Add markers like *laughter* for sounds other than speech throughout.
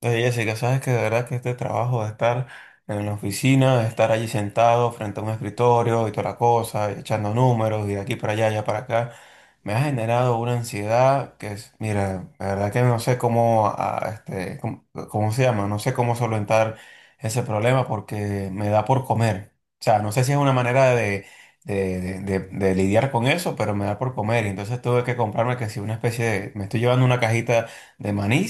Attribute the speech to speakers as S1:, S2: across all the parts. S1: Oye, Jessica, sabes que de verdad que este trabajo de estar en la oficina, de estar allí sentado frente a un escritorio y toda la cosa, y echando números y de aquí para allá, allá para acá, me ha generado una ansiedad que es, mira, la verdad que no sé cómo, cómo, cómo se llama, no sé cómo solventar ese problema porque me da por comer. O sea, no sé si es una manera de, de lidiar con eso, pero me da por comer. Y entonces tuve que comprarme que si una especie de, me estoy llevando una cajita de maní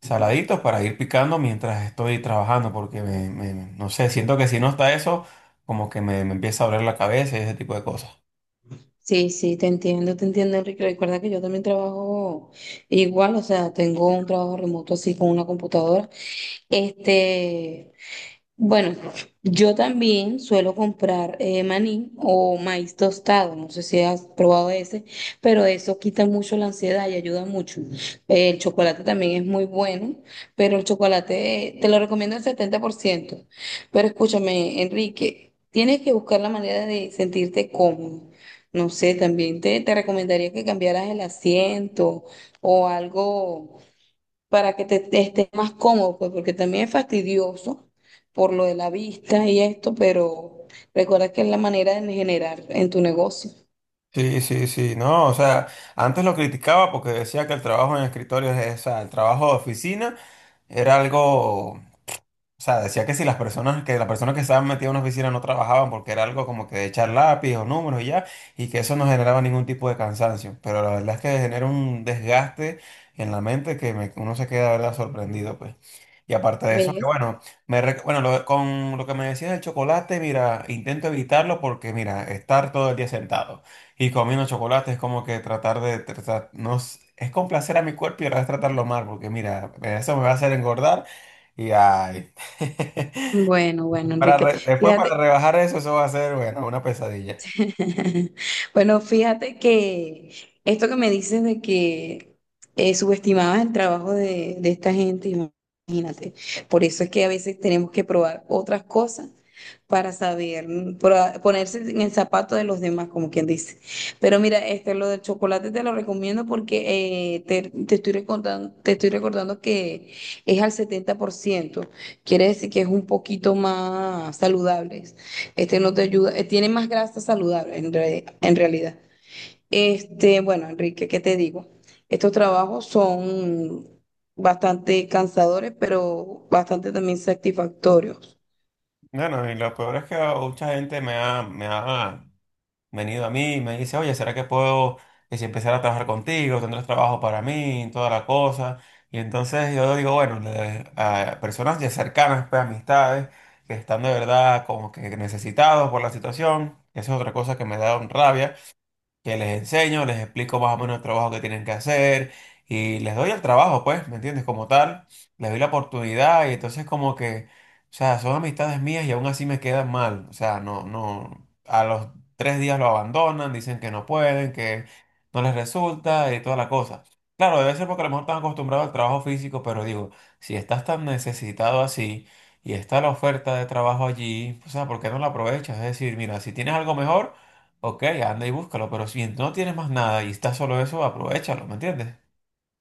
S1: saladitos para ir picando mientras estoy trabajando, porque no sé, siento que si no está eso, como que me empieza a doler la cabeza y ese tipo de cosas.
S2: Sí, sí, te entiendo, Enrique. Recuerda que yo también trabajo igual, o sea, tengo un trabajo remoto así con una computadora. Este, bueno, yo también suelo comprar maní o maíz tostado, no sé si has probado ese, pero eso quita mucho la ansiedad y ayuda mucho. El chocolate también es muy bueno, pero el chocolate te lo recomiendo el 70%. Pero escúchame, Enrique, tienes que buscar la manera de sentirte cómodo. No sé, también te recomendaría que cambiaras el asiento o algo para que te estés más cómodo, pues porque también es fastidioso por lo de la vista y esto, pero recuerda que es la manera de generar en tu negocio.
S1: Sí, sí, sí, no, o sea, antes lo criticaba porque decía que el trabajo en escritorios, o sea, el trabajo de oficina era algo. O sea, decía que si las personas, que las personas que estaban metidas en una oficina no trabajaban porque era algo como que de echar lápiz o números y ya, y que eso no generaba ningún tipo de cansancio. Pero la verdad es que genera un desgaste en la mente que uno se queda, de verdad, sorprendido, pues. Y aparte de eso, que
S2: ¿Ves?
S1: bueno, me, rec- bueno, lo- con lo que me decías del chocolate, mira, intento evitarlo porque, mira, estar todo el día sentado y comiendo chocolate es como que tratar de, tratar, no, s- es complacer a mi cuerpo y ahora es tratarlo mal, porque mira, eso me va a hacer engordar y ay.
S2: Bueno,
S1: *laughs*
S2: bueno, Enrique.
S1: Después para
S2: Fíjate,
S1: rebajar eso, eso va a ser, bueno, una pesadilla.
S2: *laughs* bueno, fíjate que esto que me dices de que subestimabas el trabajo de esta gente, imagínate. Por eso es que a veces tenemos que probar otras cosas para saber, ponerse en el zapato de los demás, como quien dice. Pero mira, este, lo del chocolate te lo recomiendo porque te estoy recordando que es al 70%. Quiere decir que es un poquito más saludable. Este no te ayuda, tiene más grasa saludable en realidad. Este, bueno, Enrique, ¿qué te digo? Estos trabajos son bastante cansadores, pero bastante también satisfactorios.
S1: Bueno, y lo peor es que mucha gente me ha venido a mí y me dice, oye, ¿será que puedo, que si empezar a trabajar contigo, tendrás trabajo para mí, toda la cosa? Y entonces yo digo, bueno, a personas ya cercanas, pues amistades, que están de verdad como que necesitados por la situación, eso es otra cosa que me da un rabia. Que les enseño, les explico más o menos el trabajo que tienen que hacer y les doy el trabajo, pues, ¿me entiendes? Como tal, les doy la oportunidad y entonces como que, o sea, son amistades mías y aún así me quedan mal, o sea, no, no, a los tres días lo abandonan, dicen que no pueden, que no les resulta y toda la cosa. Claro, debe ser porque a lo mejor están acostumbrados al trabajo físico, pero digo, si estás tan necesitado así y está la oferta de trabajo allí, o sea, ¿por qué no la aprovechas? Es decir, mira, si tienes algo mejor, ok, anda y búscalo, pero si no tienes más nada y está solo eso, aprovechalo, ¿me entiendes?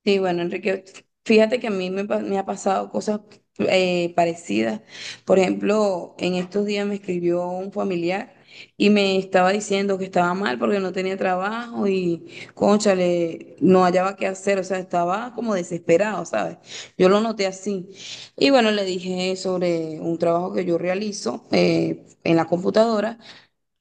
S2: Sí, bueno, Enrique, fíjate que a me ha pasado cosas parecidas. Por ejemplo, en estos días me escribió un familiar y me estaba diciendo que estaba mal porque no tenía trabajo y, cónchale, no hallaba qué hacer, o sea, estaba como desesperado, ¿sabes? Yo lo noté así. Y bueno, le dije sobre un trabajo que yo realizo en la computadora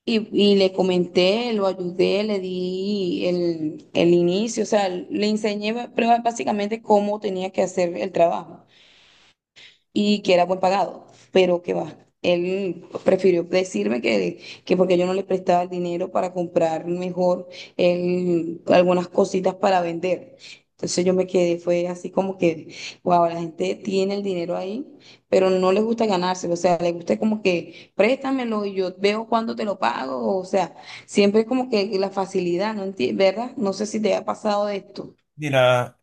S2: y le comenté, lo ayudé, le di el inicio, o sea, le enseñé pero básicamente cómo tenía que hacer el trabajo y que era buen pagado, pero que va. Él prefirió decirme que porque yo no le prestaba el dinero para comprar mejor él, algunas cositas para vender. Entonces yo me quedé, fue así como que, wow, la gente tiene el dinero ahí, pero no le gusta ganárselo, o sea, le gusta como que préstamelo y yo veo cuándo te lo pago, o sea, siempre como que la facilidad, ¿Verdad? No sé si te ha pasado esto.
S1: Mira,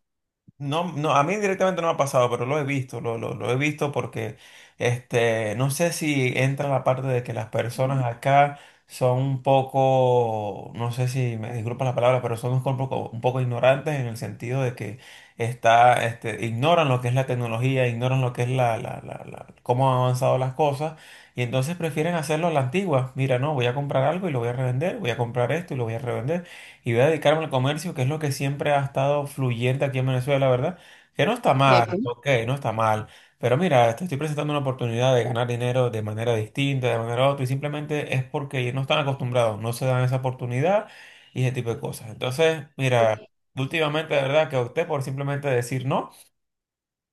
S1: no, no, a mí directamente no me ha pasado, pero lo he visto, lo he visto porque este, no sé si entra la parte de que las personas acá son un poco, no sé si me disculpa la palabra, pero son un poco ignorantes en el sentido de que está, este, ignoran lo que es la tecnología, ignoran lo que es cómo han avanzado las cosas y entonces prefieren hacerlo a la antigua. Mira, no, voy a comprar algo y lo voy a revender, voy a comprar esto y lo voy a revender y voy a dedicarme al comercio, que es lo que siempre ha estado fluyente aquí en Venezuela, ¿verdad? Que no está mal, ok, no está mal. Pero mira, te estoy presentando una oportunidad de ganar dinero de manera distinta, de manera otra, y simplemente es porque no están acostumbrados, no se dan esa oportunidad y ese tipo de cosas. Entonces, mira, últimamente, de verdad, que opté por simplemente decir no.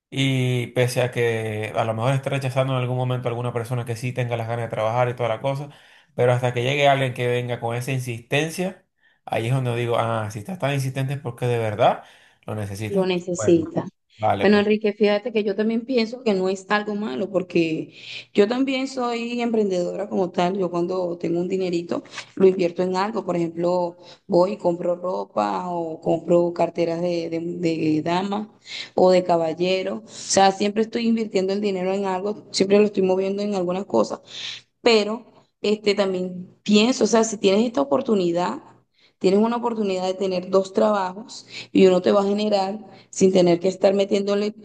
S1: Y pese a que a lo mejor esté rechazando en algún momento a alguna persona que sí tenga las ganas de trabajar y toda la cosa, pero hasta que llegue alguien que venga con esa insistencia, ahí es donde digo, ah, si estás tan insistente es porque de verdad lo necesitas.
S2: Lo
S1: Bueno,
S2: necesita.
S1: vale,
S2: Bueno,
S1: pues.
S2: Enrique, fíjate que yo también pienso que no es algo malo, porque yo también soy emprendedora como tal. Yo cuando tengo un dinerito lo invierto en algo. Por ejemplo, voy y compro ropa o compro carteras de dama o de caballero. O sea, siempre estoy invirtiendo el dinero en algo, siempre lo estoy moviendo en algunas cosas, pero este, también pienso, o sea, si tienes esta oportunidad, tienes una oportunidad de tener dos trabajos y uno te va a generar sin tener que estar metiéndole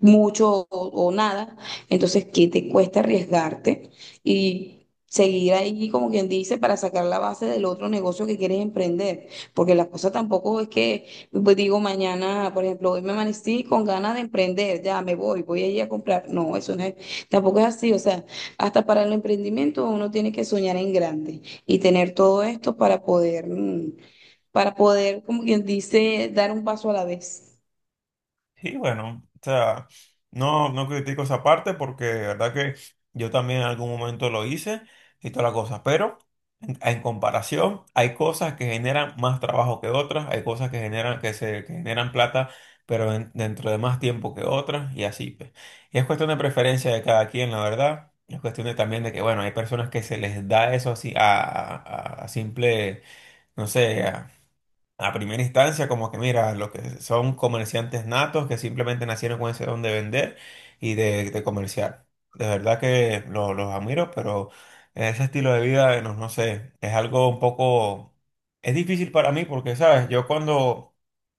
S2: mucho o nada, entonces, ¿qué te cuesta arriesgarte y seguir ahí, como quien dice, para sacar la base del otro negocio que quieres emprender? Porque la cosa tampoco es que, pues, digo, mañana, por ejemplo, hoy me amanecí con ganas de emprender, ya me voy, voy a ir a comprar. No, eso no es, tampoco es así, o sea. Hasta para el emprendimiento uno tiene que soñar en grande y tener todo esto para poder, mm, para poder, como quien dice, dar un paso a la vez.
S1: Sí, bueno, o sea, no, no critico esa parte porque de verdad que yo también en algún momento lo hice y toda la cosa, pero en comparación hay cosas que generan más trabajo que otras, hay cosas que generan, que se, que generan plata, pero dentro de más tiempo que otras y así, pues. Y es cuestión de preferencia de cada quien, la verdad. Es cuestión de también de que, bueno, hay personas que se les da eso así a, a simple, no sé, a primera instancia, como que mira, los que son comerciantes natos que simplemente nacieron con ese don de vender y de comerciar. De verdad que los admiro, pero ese estilo de vida, no, no sé, es algo un poco, es difícil para mí porque, ¿sabes? Yo cuando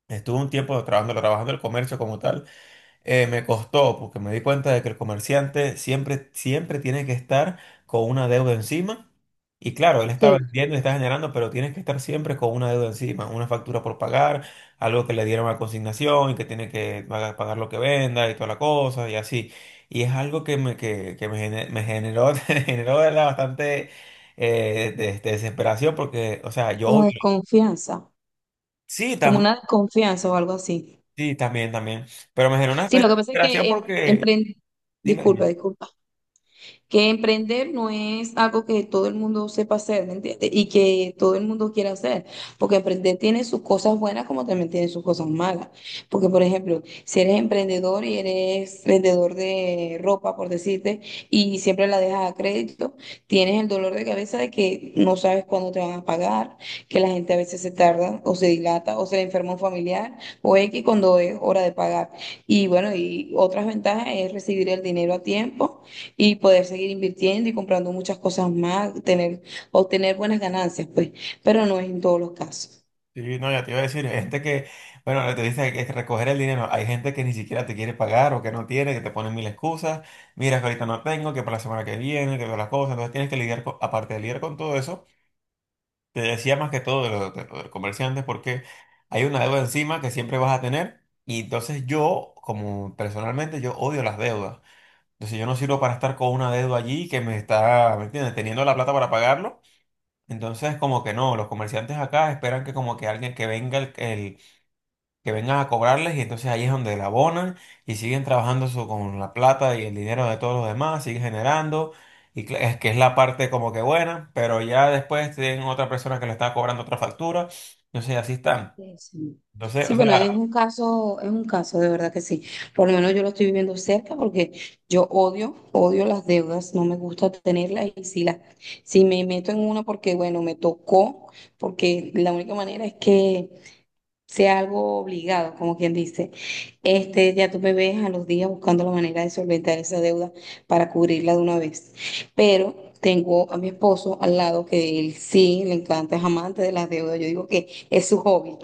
S1: estuve un tiempo trabajando, trabajando el comercio como tal, me costó porque me di cuenta de que el comerciante siempre, siempre tiene que estar con una deuda encima. Y claro, él está
S2: Sí,
S1: vendiendo y está generando, pero tienes que estar siempre con una deuda encima, una factura por pagar, algo que le dieron a consignación y que tiene que pagar, pagar lo que venda y toda la cosa y así. Y es algo que me generó, *laughs* me generó de verdad, bastante de desesperación porque, o sea, yo
S2: como
S1: odio.
S2: desconfianza,
S1: Sí,
S2: como
S1: también,
S2: una desconfianza o algo así.
S1: sí, también, también. Pero me generó una
S2: Sí, lo
S1: especie de
S2: que pasa es
S1: desesperación
S2: que
S1: porque, dime.
S2: disculpa,
S1: Dime.
S2: disculpa. Que emprender no es algo que todo el mundo sepa hacer, ¿me entiendes? Y que todo el mundo quiera hacer, porque emprender tiene sus cosas buenas como también tiene sus cosas malas. Porque, por ejemplo, si eres emprendedor y eres vendedor de ropa, por decirte, y siempre la dejas a crédito, tienes el dolor de cabeza de que no sabes cuándo te van a pagar, que la gente a veces se tarda o se dilata o se le enferma un familiar o X cuando es hora de pagar. Y bueno, y otras ventajas es recibir el dinero a tiempo y poder seguir invirtiendo y comprando muchas cosas más, tener, obtener buenas ganancias, pues, pero no es en todos los casos.
S1: Sí, no, ya te iba a decir, hay gente que, bueno, te dice que es recoger el dinero, hay gente que ni siquiera te quiere pagar o que no tiene, que te ponen mil excusas, mira que ahorita no tengo, que para la semana que viene, que todas las cosas, entonces tienes que lidiar con, aparte de lidiar con todo eso, te decía más que todo de los comerciantes, porque hay una deuda encima que siempre vas a tener y entonces yo, como personalmente, yo odio las deudas, entonces yo no sirvo para estar con una deuda allí que me está, ¿me entiendes?, teniendo la plata para pagarlo. Entonces, como que no, los comerciantes acá esperan que como que alguien que venga el que vengan a cobrarles y entonces ahí es donde la abonan y siguen trabajando eso con la plata y el dinero de todos los demás, siguen generando y es que es la parte como que buena, pero ya después tienen otra persona que le está cobrando otra factura, entonces así están.
S2: Sí, sí.
S1: Entonces,
S2: Sí,
S1: o
S2: bueno,
S1: sea,
S2: es un caso, de verdad que sí. Por lo menos yo lo estoy viviendo cerca porque yo odio, odio las deudas, no me gusta tenerlas y si si me meto en una porque, bueno, me tocó, porque la única manera es que sea algo obligado, como quien dice. Este, ya tú me ves a los días buscando la manera de solventar esa deuda para cubrirla de una vez. Pero tengo a mi esposo al lado que él sí le encanta, es amante de las deudas. Yo digo que es su hobby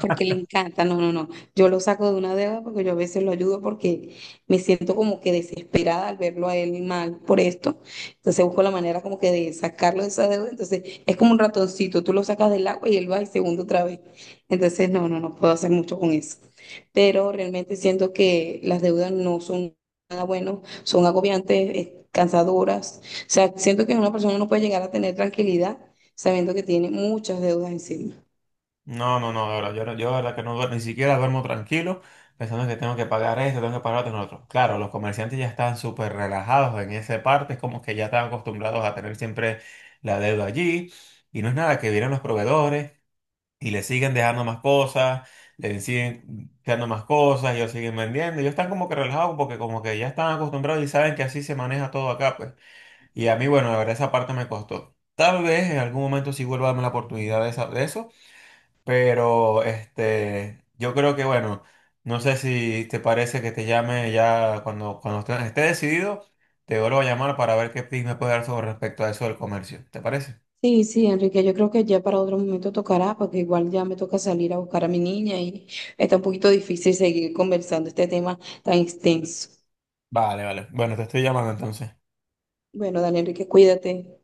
S2: porque le encanta. No, no, no. Yo lo saco de una deuda porque yo a veces lo ayudo porque me siento como que desesperada al verlo a él mal por esto. Entonces busco la manera como que de sacarlo de esa deuda. Entonces es como un ratoncito, tú lo sacas del agua y él va y se hunde otra vez. Entonces, no, no, no puedo hacer mucho con eso. Pero realmente siento que las deudas no son nada bueno, son agobiantes, cansadoras. O sea, siento que una persona no puede llegar a tener tranquilidad sabiendo que tiene muchas deudas encima.
S1: no, no, no, de verdad, yo de verdad que no duermo, ni siquiera duermo tranquilo pensando que tengo que pagar esto, tengo que pagar otro, no, otro. Claro, los comerciantes ya están súper relajados en esa parte, es como que ya están acostumbrados a tener siempre la deuda allí y no es nada que vienen los proveedores. Y le siguen dejando más cosas, le siguen dejando más cosas, ellos siguen vendiendo. Ellos están como que relajados porque como que ya están acostumbrados y saben que así se maneja todo acá, pues. Y a mí, bueno, la verdad esa parte me costó. Tal vez en algún momento sí vuelva a darme la oportunidad de, de eso, pero este, yo creo que, bueno, no sé si te parece que te llame ya cuando, cuando esté, esté decidido, te vuelvo a llamar para ver qué tips me puedes dar sobre respecto a eso del comercio. ¿Te parece?
S2: Sí, sí, Enrique, yo creo que ya para otro momento tocará, porque igual ya me toca salir a buscar a mi niña y está un poquito difícil seguir conversando este tema tan extenso.
S1: Vale, vale. Bueno, te estoy llamando entonces.
S2: Bueno, dale, Enrique, cuídate.